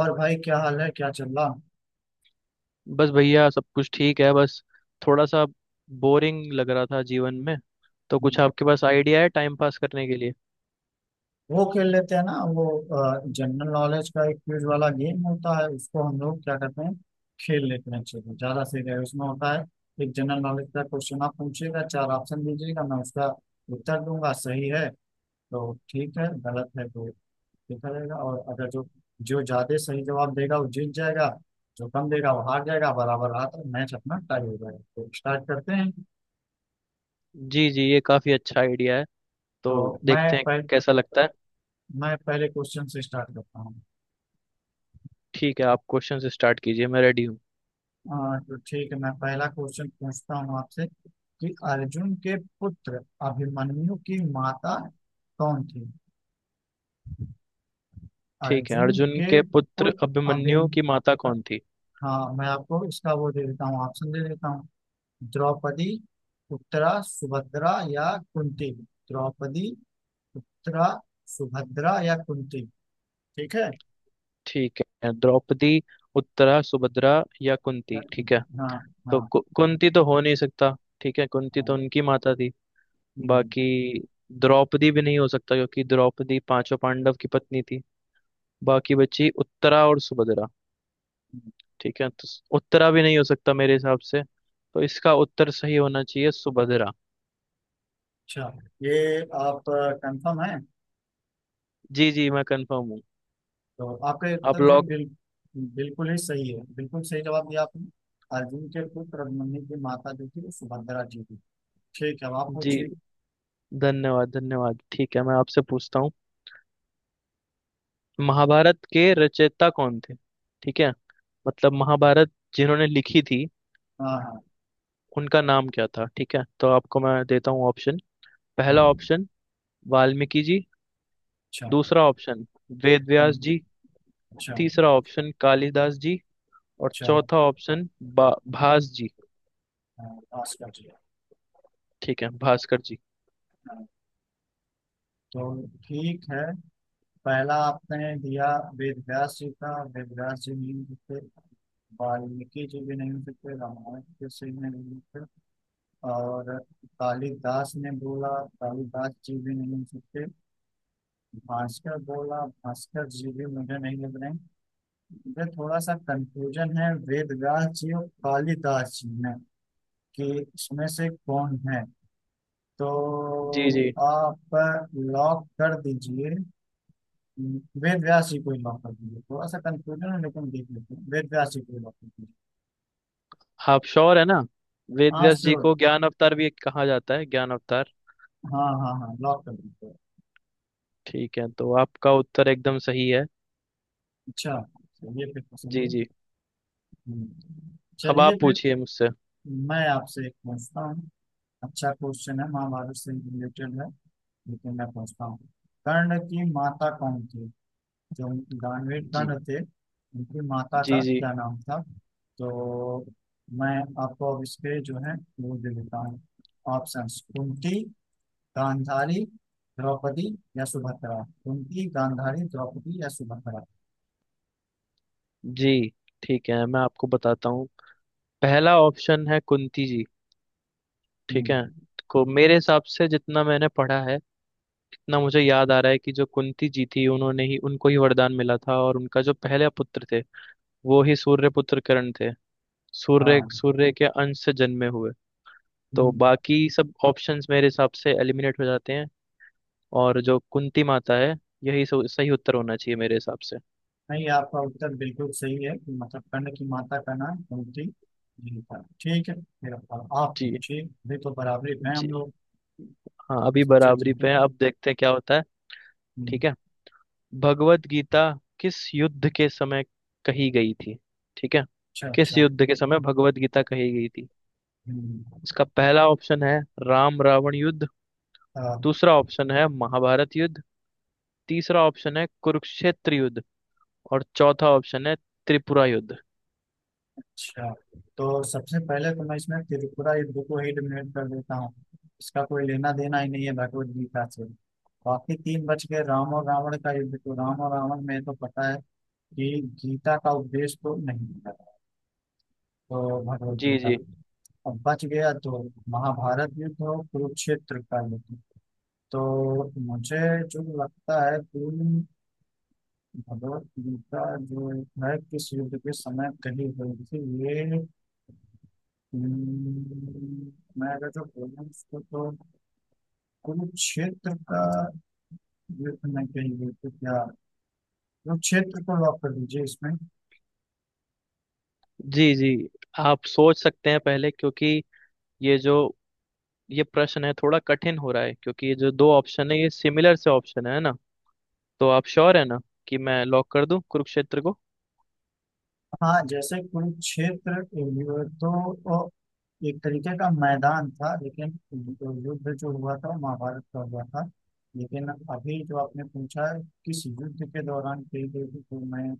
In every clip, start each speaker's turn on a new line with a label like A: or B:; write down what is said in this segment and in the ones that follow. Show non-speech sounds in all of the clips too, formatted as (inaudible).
A: और भाई क्या हाल है, क्या चल रहा।
B: बस भैया, सब कुछ ठीक है। बस थोड़ा सा बोरिंग लग रहा था जीवन में, तो कुछ आपके पास आइडिया है टाइम पास करने के लिए?
A: वो खेल लेते हैं ना। वो जनरल नॉलेज का एक क्विज वाला गेम होता है, उसको हम लोग क्या करते हैं? खेल लेते हैं, चलो ज्यादा सही रहेगा। उसमें होता है एक जनरल नॉलेज का क्वेश्चन। आप पूछिएगा, चार ऑप्शन दीजिएगा, मैं उसका उत्तर दूंगा। सही है तो ठीक है, गलत है तो देखा जाएगा। और अगर जो जो ज्यादा सही जवाब देगा वो जीत जाएगा, जो कम देगा वो हार जाएगा। बराबर रहा तो मैच अपना टाई हो जाएगा। तो स्टार्ट करते हैं।
B: जी जी, ये काफ़ी अच्छा आइडिया है। तो
A: तो
B: देखते हैं कैसा लगता है।
A: मैं पहले क्वेश्चन से स्टार्ट करता हूँ।
B: ठीक है, आप क्वेश्चन से स्टार्ट कीजिए, मैं रेडी हूँ।
A: हाँ, तो ठीक है, मैं पहला क्वेश्चन पूछता हूँ आपसे कि अर्जुन के पुत्र अभिमन्यु की माता कौन थी?
B: ठीक है,
A: अर्जुन
B: अर्जुन
A: के
B: के पुत्र
A: पुत्र
B: अभिमन्यु
A: अभिम
B: की माता कौन थी?
A: हाँ, मैं आपको इसका वो दे देता हूँ, ऑप्शन दे देता हूँ। द्रौपदी, उत्तरा, सुभद्रा या कुंती। द्रौपदी, उत्तरा, सुभद्रा या कुंती। ठीक है।
B: ठीक है, द्रौपदी, उत्तरा, सुभद्रा या कुंती। ठीक है,
A: हाँ।
B: तो
A: हाँ।
B: कुंती तो हो नहीं सकता। ठीक है, कुंती तो
A: हाँ।
B: उनकी माता थी।
A: हम्म,
B: बाकी द्रौपदी भी नहीं हो सकता क्योंकि द्रौपदी पांचों पांडव की पत्नी थी। बाकी बची उत्तरा और सुभद्रा।
A: हम्म,
B: ठीक है, तो उत्तरा भी नहीं हो सकता मेरे हिसाब से। तो इसका उत्तर सही होना चाहिए सुभद्रा।
A: अच्छा, ये आप कंफर्म है?
B: जी जी, मैं कंफर्म हूँ।
A: तो आपका
B: आप
A: उत्तर जो है
B: लोग।
A: बिल्कुल ही सही है। बिल्कुल सही जवाब दिया आपने। अर्जुन के पुत्र अभिमन्यु की माता जो थी वो सुभद्रा जी थी। ठीक है, अब आप
B: जी,
A: पूछिए।
B: धन्यवाद धन्यवाद। ठीक है, मैं आपसे पूछता हूँ, महाभारत के रचयिता कौन थे? ठीक है, मतलब महाभारत जिन्होंने लिखी थी,
A: हाँ। हाँ।
B: उनका नाम क्या था? ठीक है, तो आपको मैं देता हूँ ऑप्शन। पहला
A: हाँ।
B: ऑप्शन वाल्मीकि जी।
A: अच्छा।
B: दूसरा ऑप्शन वेद व्यास
A: हम्म,
B: जी।
A: अच्छा।
B: तीसरा ऑप्शन कालिदास जी। और
A: अच्छा।
B: चौथा ऑप्शन बा भास जी।
A: हाँ, पास कर दिया।
B: ठीक है, भास्कर जी।
A: हाँ, तो ठीक है। पहला आपने दिया वेद व्यास जी का। वेद व्यास जी नहीं हो सकते, वाल्मीकि जी भी नहीं हो सकते, रामायण जी से भी नहीं हो सकते। और कालिदास ने बोला, कालिदास जी भी नहीं हो सकते। भास्कर बोला, भास्कर जी भी मुझे नहीं लग रहे हैं। इधर थोड़ा सा कंफ्यूजन है वेदव्यास जी और कालिदास जी में, कि इसमें से कौन है। तो
B: जी जी,
A: आप लॉक कर दीजिए, वेदव्यास जी को ही लॉक कर दीजिए। थोड़ा सा कंफ्यूजन है लेकिन देख लेते हैं, वेदव्यास जी को ही लॉक कर दीजिए।
B: आप श्योर है ना? वेद
A: हाँ,
B: व्यास जी
A: श्योर।
B: को ज्ञान अवतार भी कहा जाता है, ज्ञान अवतार।
A: हाँ, हाँ, हाँ, लॉक कर दीजिए।
B: ठीक है, तो आपका उत्तर एकदम सही है।
A: अच्छा, चलिए फिर तो सही
B: जी
A: है।
B: जी,
A: हम्म।
B: अब
A: चलिए
B: आप
A: फिर,
B: पूछिए मुझसे।
A: मैं आपसे एक पूछता हूँ। अच्छा क्वेश्चन है, महाभारत से रिलेटेड है। लेकिन मैं पूछता हूँ, कर्ण की माता कौन थी? जो उनकी, दानवीर
B: जी
A: कर्ण थे, उनकी माता
B: जी।
A: का
B: जी
A: क्या नाम था? तो मैं आपको अब इसके जो है वो दे देता हूँ ऑप्शन। कुंती, गांधारी, द्रौपदी या सुभद्रा। कुंती, गांधारी, द्रौपदी या सुभद्रा।
B: जी। ठीक है, मैं आपको बताता हूँ, पहला ऑप्शन है कुंती जी। ठीक है,
A: हम्म,
B: को मेरे हिसाब से, जितना मैंने पढ़ा है, इतना मुझे याद आ रहा है कि जो कुंती जी थी, उन्होंने ही, उनको ही वरदान मिला था और उनका जो पहले पुत्र थे, वो ही सूर्य पुत्र करण थे। सूर्य
A: हाँ।
B: सूर्य के अंश से जन्मे हुए। तो
A: हम्म।
B: बाकी सब ऑप्शंस मेरे हिसाब से एलिमिनेट हो जाते हैं और जो कुंती माता है, यही सही उत्तर होना चाहिए मेरे हिसाब से।
A: नहीं, आपका उत्तर बिल्कुल सही है कि, मतलब कर्ण की माता का नाम कुंती जी था। ठीक है, फिर आप
B: जी
A: पूछिए, अभी तो बराबरी में हैं हम
B: जी।
A: लोग।
B: हाँ,
A: आपको
B: अभी
A: सोचा,
B: बराबरी
A: ठीक है।
B: पे है। अब देखते हैं क्या होता है।
A: हम्म,
B: ठीक है, भगवत गीता किस युद्ध के समय कही गई थी? ठीक है,
A: अच्छा।
B: किस
A: अच्छा।
B: युद्ध के समय भगवत गीता कही गई थी?
A: हम्म,
B: इसका पहला ऑप्शन है राम रावण युद्ध।
A: अ,
B: दूसरा ऑप्शन है महाभारत युद्ध। तीसरा ऑप्शन है कुरुक्षेत्र युद्ध। और चौथा ऑप्शन है त्रिपुरा युद्ध।
A: अच्छा। तो सबसे पहले तो मैं इसमें त्रिपुरा युद्ध को ही एलिमिनेट कर देता हूँ, इसका कोई लेना देना ही नहीं है भगवत गीता से। बाकी तीन बच गए। राम और रावण का युद्ध, तो राम और रावण में तो पता है कि गीता का उपदेश तो नहीं मिला। तो भगवत
B: जी
A: गीता
B: जी।
A: अब बच गया तो महाभारत युद्ध और कुरुक्षेत्र का युद्ध। तो मुझे जो लगता है, कुल भगवत गीता जो है किस युद्ध के समय कही गई थी ये, हम्म, मैं अगर जो बोलूँ उसको तो कुरुक्षेत्र का युद्ध में कही गई थी क्या? कुरुक्षेत्र को लॉक कर दीजिए इसमें।
B: जी जी। आप सोच सकते हैं पहले, क्योंकि ये जो ये प्रश्न है, थोड़ा कठिन हो रहा है क्योंकि ये जो दो ऑप्शन है, ये सिमिलर से ऑप्शन है ना। तो आप श्योर है ना कि मैं लॉक कर दूं कुरुक्षेत्र को?
A: हाँ, जैसे कुरुक्षेत्र युद्ध तो एक तरीके का मैदान था लेकिन युद्ध जो हुआ था वो महाभारत का हुआ था। लेकिन अभी जो आपने पूछा है, किस युद्ध के दौरान कही गई थी, तो मैं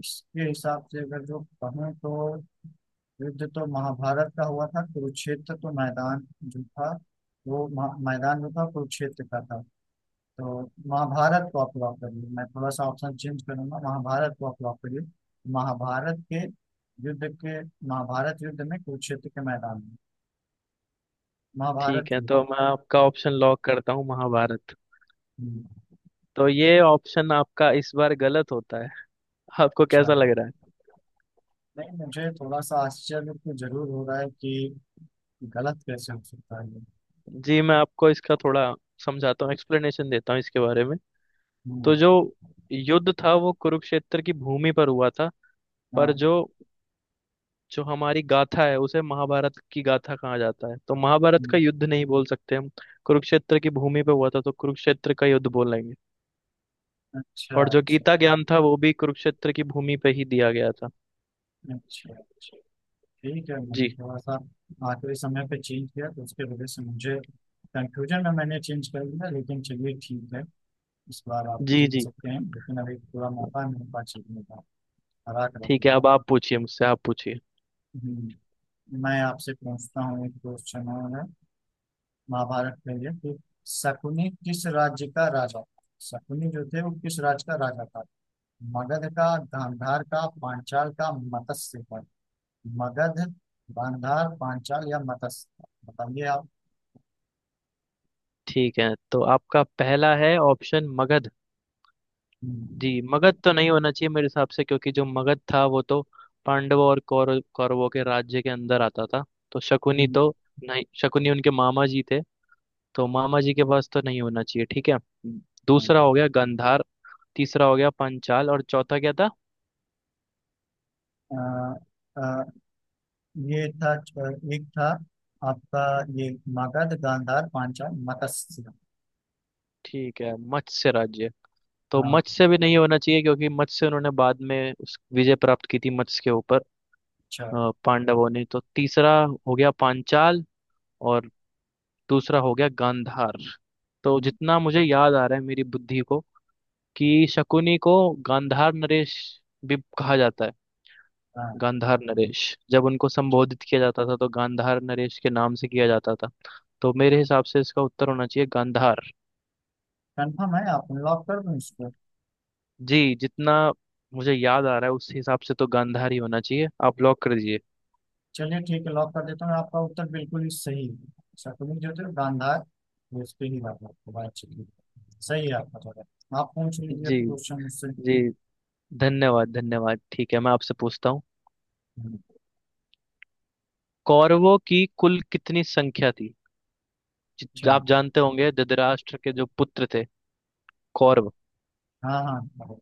A: इसके हिसाब से अगर जो कहें तो, युद्ध तो महाभारत का हुआ था, कुरुक्षेत्र तो मैदान जो था, वो मैदान जो था कुरुक्षेत्र का था। तो महाभारत को आप लॉक करिए, मैं थोड़ा सा ऑप्शन चेंज करूंगा, महाभारत को आप लॉक करिए। महाभारत के युद्ध के, महाभारत युद्ध में, कुरुक्षेत्र के मैदान में महाभारत
B: ठीक है, तो
A: युद्ध।
B: मैं आपका ऑप्शन लॉक करता हूँ महाभारत।
A: हम्म,
B: तो ये ऑप्शन आपका इस बार गलत होता है। आपको
A: अच्छा,
B: कैसा लग रहा है?
A: नहीं, मुझे थोड़ा सा आश्चर्य तो जरूर हो रहा है कि गलत कैसे हो सकता है ये।
B: जी, मैं आपको इसका थोड़ा समझाता हूँ, एक्सप्लेनेशन देता हूँ इसके बारे में। तो
A: हम्म।
B: जो युद्ध था वो कुरुक्षेत्र की भूमि पर हुआ था। पर जो
A: हाँ।
B: जो हमारी गाथा है, उसे महाभारत की गाथा कहा जाता है। तो महाभारत का
A: हम्म,
B: युद्ध नहीं बोल सकते हम। कुरुक्षेत्र की भूमि पे हुआ था, तो कुरुक्षेत्र का युद्ध बोलेंगे।
A: अच्छा,
B: और जो
A: अच्छा,
B: गीता ज्ञान था वो भी कुरुक्षेत्र की भूमि पे ही दिया गया था।
A: अच्छा, अच्छा, ठीक है, मैंने
B: जी
A: थोड़ा सा आखिरी समय पे चेंज किया तो उसके वजह से मुझे, कंफ्यूजन में मैंने चेंज कर दिया, लेकिन चलिए ठीक है। इस बार आप
B: जी।
A: जीत
B: जी।
A: सकते हैं, लेकिन अभी पूरा मौका मेरे पास जीतने का, हरा कर
B: ठीक है,
A: दिया।
B: अब आप पूछिए मुझसे, आप पूछिए।
A: हम्म, मैं आपसे पूछता हूँ एक क्वेश्चन है महाभारत के लिए, कि शकुनी किस राज्य का राजा था? शकुनी जो थे वो किस राज्य का राजा था? मगध का, गांधार का, पांचाल का, मत्स्य का। मगध, गांधार, पांचाल या मत्स्य, बताइए आप।
B: ठीक है, तो आपका पहला है ऑप्शन मगध।
A: हम्म,
B: जी, मगध तो नहीं होना चाहिए मेरे हिसाब से क्योंकि जो मगध था वो तो पांडवों और कौरवों के राज्य के अंदर आता था। तो शकुनी
A: हम्म,
B: तो, नहीं, शकुनी उनके मामा जी थे। तो मामा जी के पास तो नहीं होना चाहिए। ठीक है,
A: thank
B: दूसरा
A: you.
B: हो गया गंधार। तीसरा हो गया पंचाल। और चौथा क्या था?
A: अ, अ, ये था, एक था आपका ये, मगध, गांधार, पांचाल, मत्स्य।
B: ठीक है, मत्स्य राज्य। तो
A: हाँ।
B: मत्स्य भी नहीं होना चाहिए क्योंकि मत्स्य उन्होंने बाद में उस विजय प्राप्त की थी मत्स्य के ऊपर।
A: अच्छा।
B: पांडवों ने। तो तीसरा हो गया पांचाल और दूसरा हो गया गांधार। तो
A: हम्म,
B: जितना मुझे याद आ रहा है मेरी बुद्धि को, कि शकुनी को गांधार नरेश भी कहा जाता है।
A: हाँ,
B: गांधार नरेश जब उनको संबोधित किया जाता था तो गांधार नरेश के नाम से किया जाता था। तो मेरे हिसाब से इसका उत्तर होना चाहिए गांधार।
A: कंफर्म है? आप लॉक कर दूं इसको?
B: जी, जितना मुझे याद आ रहा है उस हिसाब से तो गांधार ही होना चाहिए। आप लॉक कर दीजिए।
A: चलिए ठीक है, लॉक कर देता हूँ। आपका उत्तर बिल्कुल ही सही है, शकुनी जो थे गांधार। वो उस पे ही बात, आपको बात, चलिए सही है आपका जवाब। आप पूछ
B: (laughs)
A: लीजिए
B: जी
A: क्वेश्चन मुझसे।
B: जी, धन्यवाद धन्यवाद। ठीक है, मैं आपसे पूछता हूँ,
A: हम्म,
B: कौरवों की कुल कितनी संख्या थी?
A: अच्छा।
B: आप जानते होंगे धृतराष्ट्र के जो पुत्र थे कौरव,
A: हाँ, हाँ।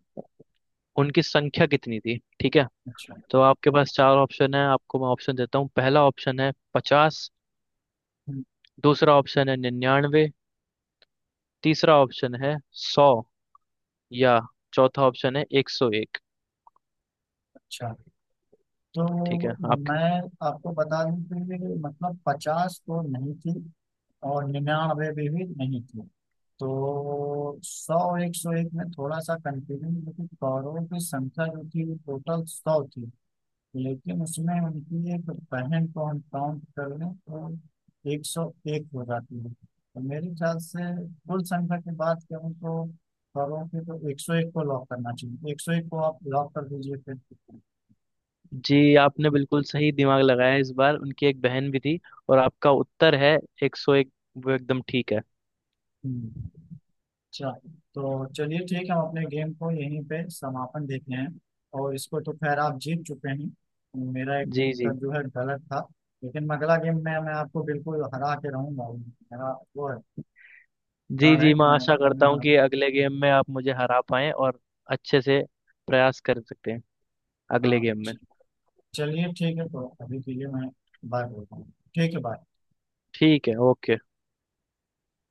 B: उनकी संख्या कितनी थी? ठीक है,
A: अच्छा,
B: तो आपके पास चार ऑप्शन है। आपको मैं ऑप्शन देता हूँ। पहला ऑप्शन है 50। दूसरा ऑप्शन है 99। तीसरा ऑप्शन है 100। या चौथा ऑप्शन है 101।
A: अच्छा,
B: ठीक
A: तो
B: है, आप।
A: मैं आपको बता दूं कि, मतलब 50 तो नहीं थी, और 99 भी नहीं थी। तो 100, 101 में थोड़ा सा कंफ्यूजन, लेकिन कौरवों की संख्या जो थी वो टोटल 100 थी। लेकिन उसमें उनकी एक बहन को हम काउंट कर लें तो 101 हो जाती है। तो मेरे ख्याल से कुल संख्या की बात करूँ तो कौरवों की, तो 101 को लॉक करना चाहिए, 101 को आप लॉक कर दीजिए फिर।
B: जी, आपने बिल्कुल सही दिमाग लगाया इस बार। उनकी एक बहन भी थी और आपका उत्तर है 101, वो एकदम ठीक है।
A: हम्म। अच्छा, तो चलिए ठीक है, हम अपने गेम को यहीं पे समापन देते हैं। और इसको तो खैर आप जीत चुके हैं, मेरा एक
B: जी जी।
A: उत्तर जो है गलत था। लेकिन अगला गेम में मैं आपको बिल्कुल हरा के रहूंगा, मेरा वो है,
B: जी
A: रण है,
B: जी।
A: कि
B: मैं
A: मैं
B: आशा करता
A: अपने,
B: हूँ कि अगले गेम में आप मुझे हरा पाएं और अच्छे से प्रयास कर सकते हैं अगले
A: हाँ,
B: गेम में।
A: चलिए ठीक है। तो अभी के लिए मैं बाय बोलता हूँ। ठीक है, बाय।
B: ठीक है, ओके।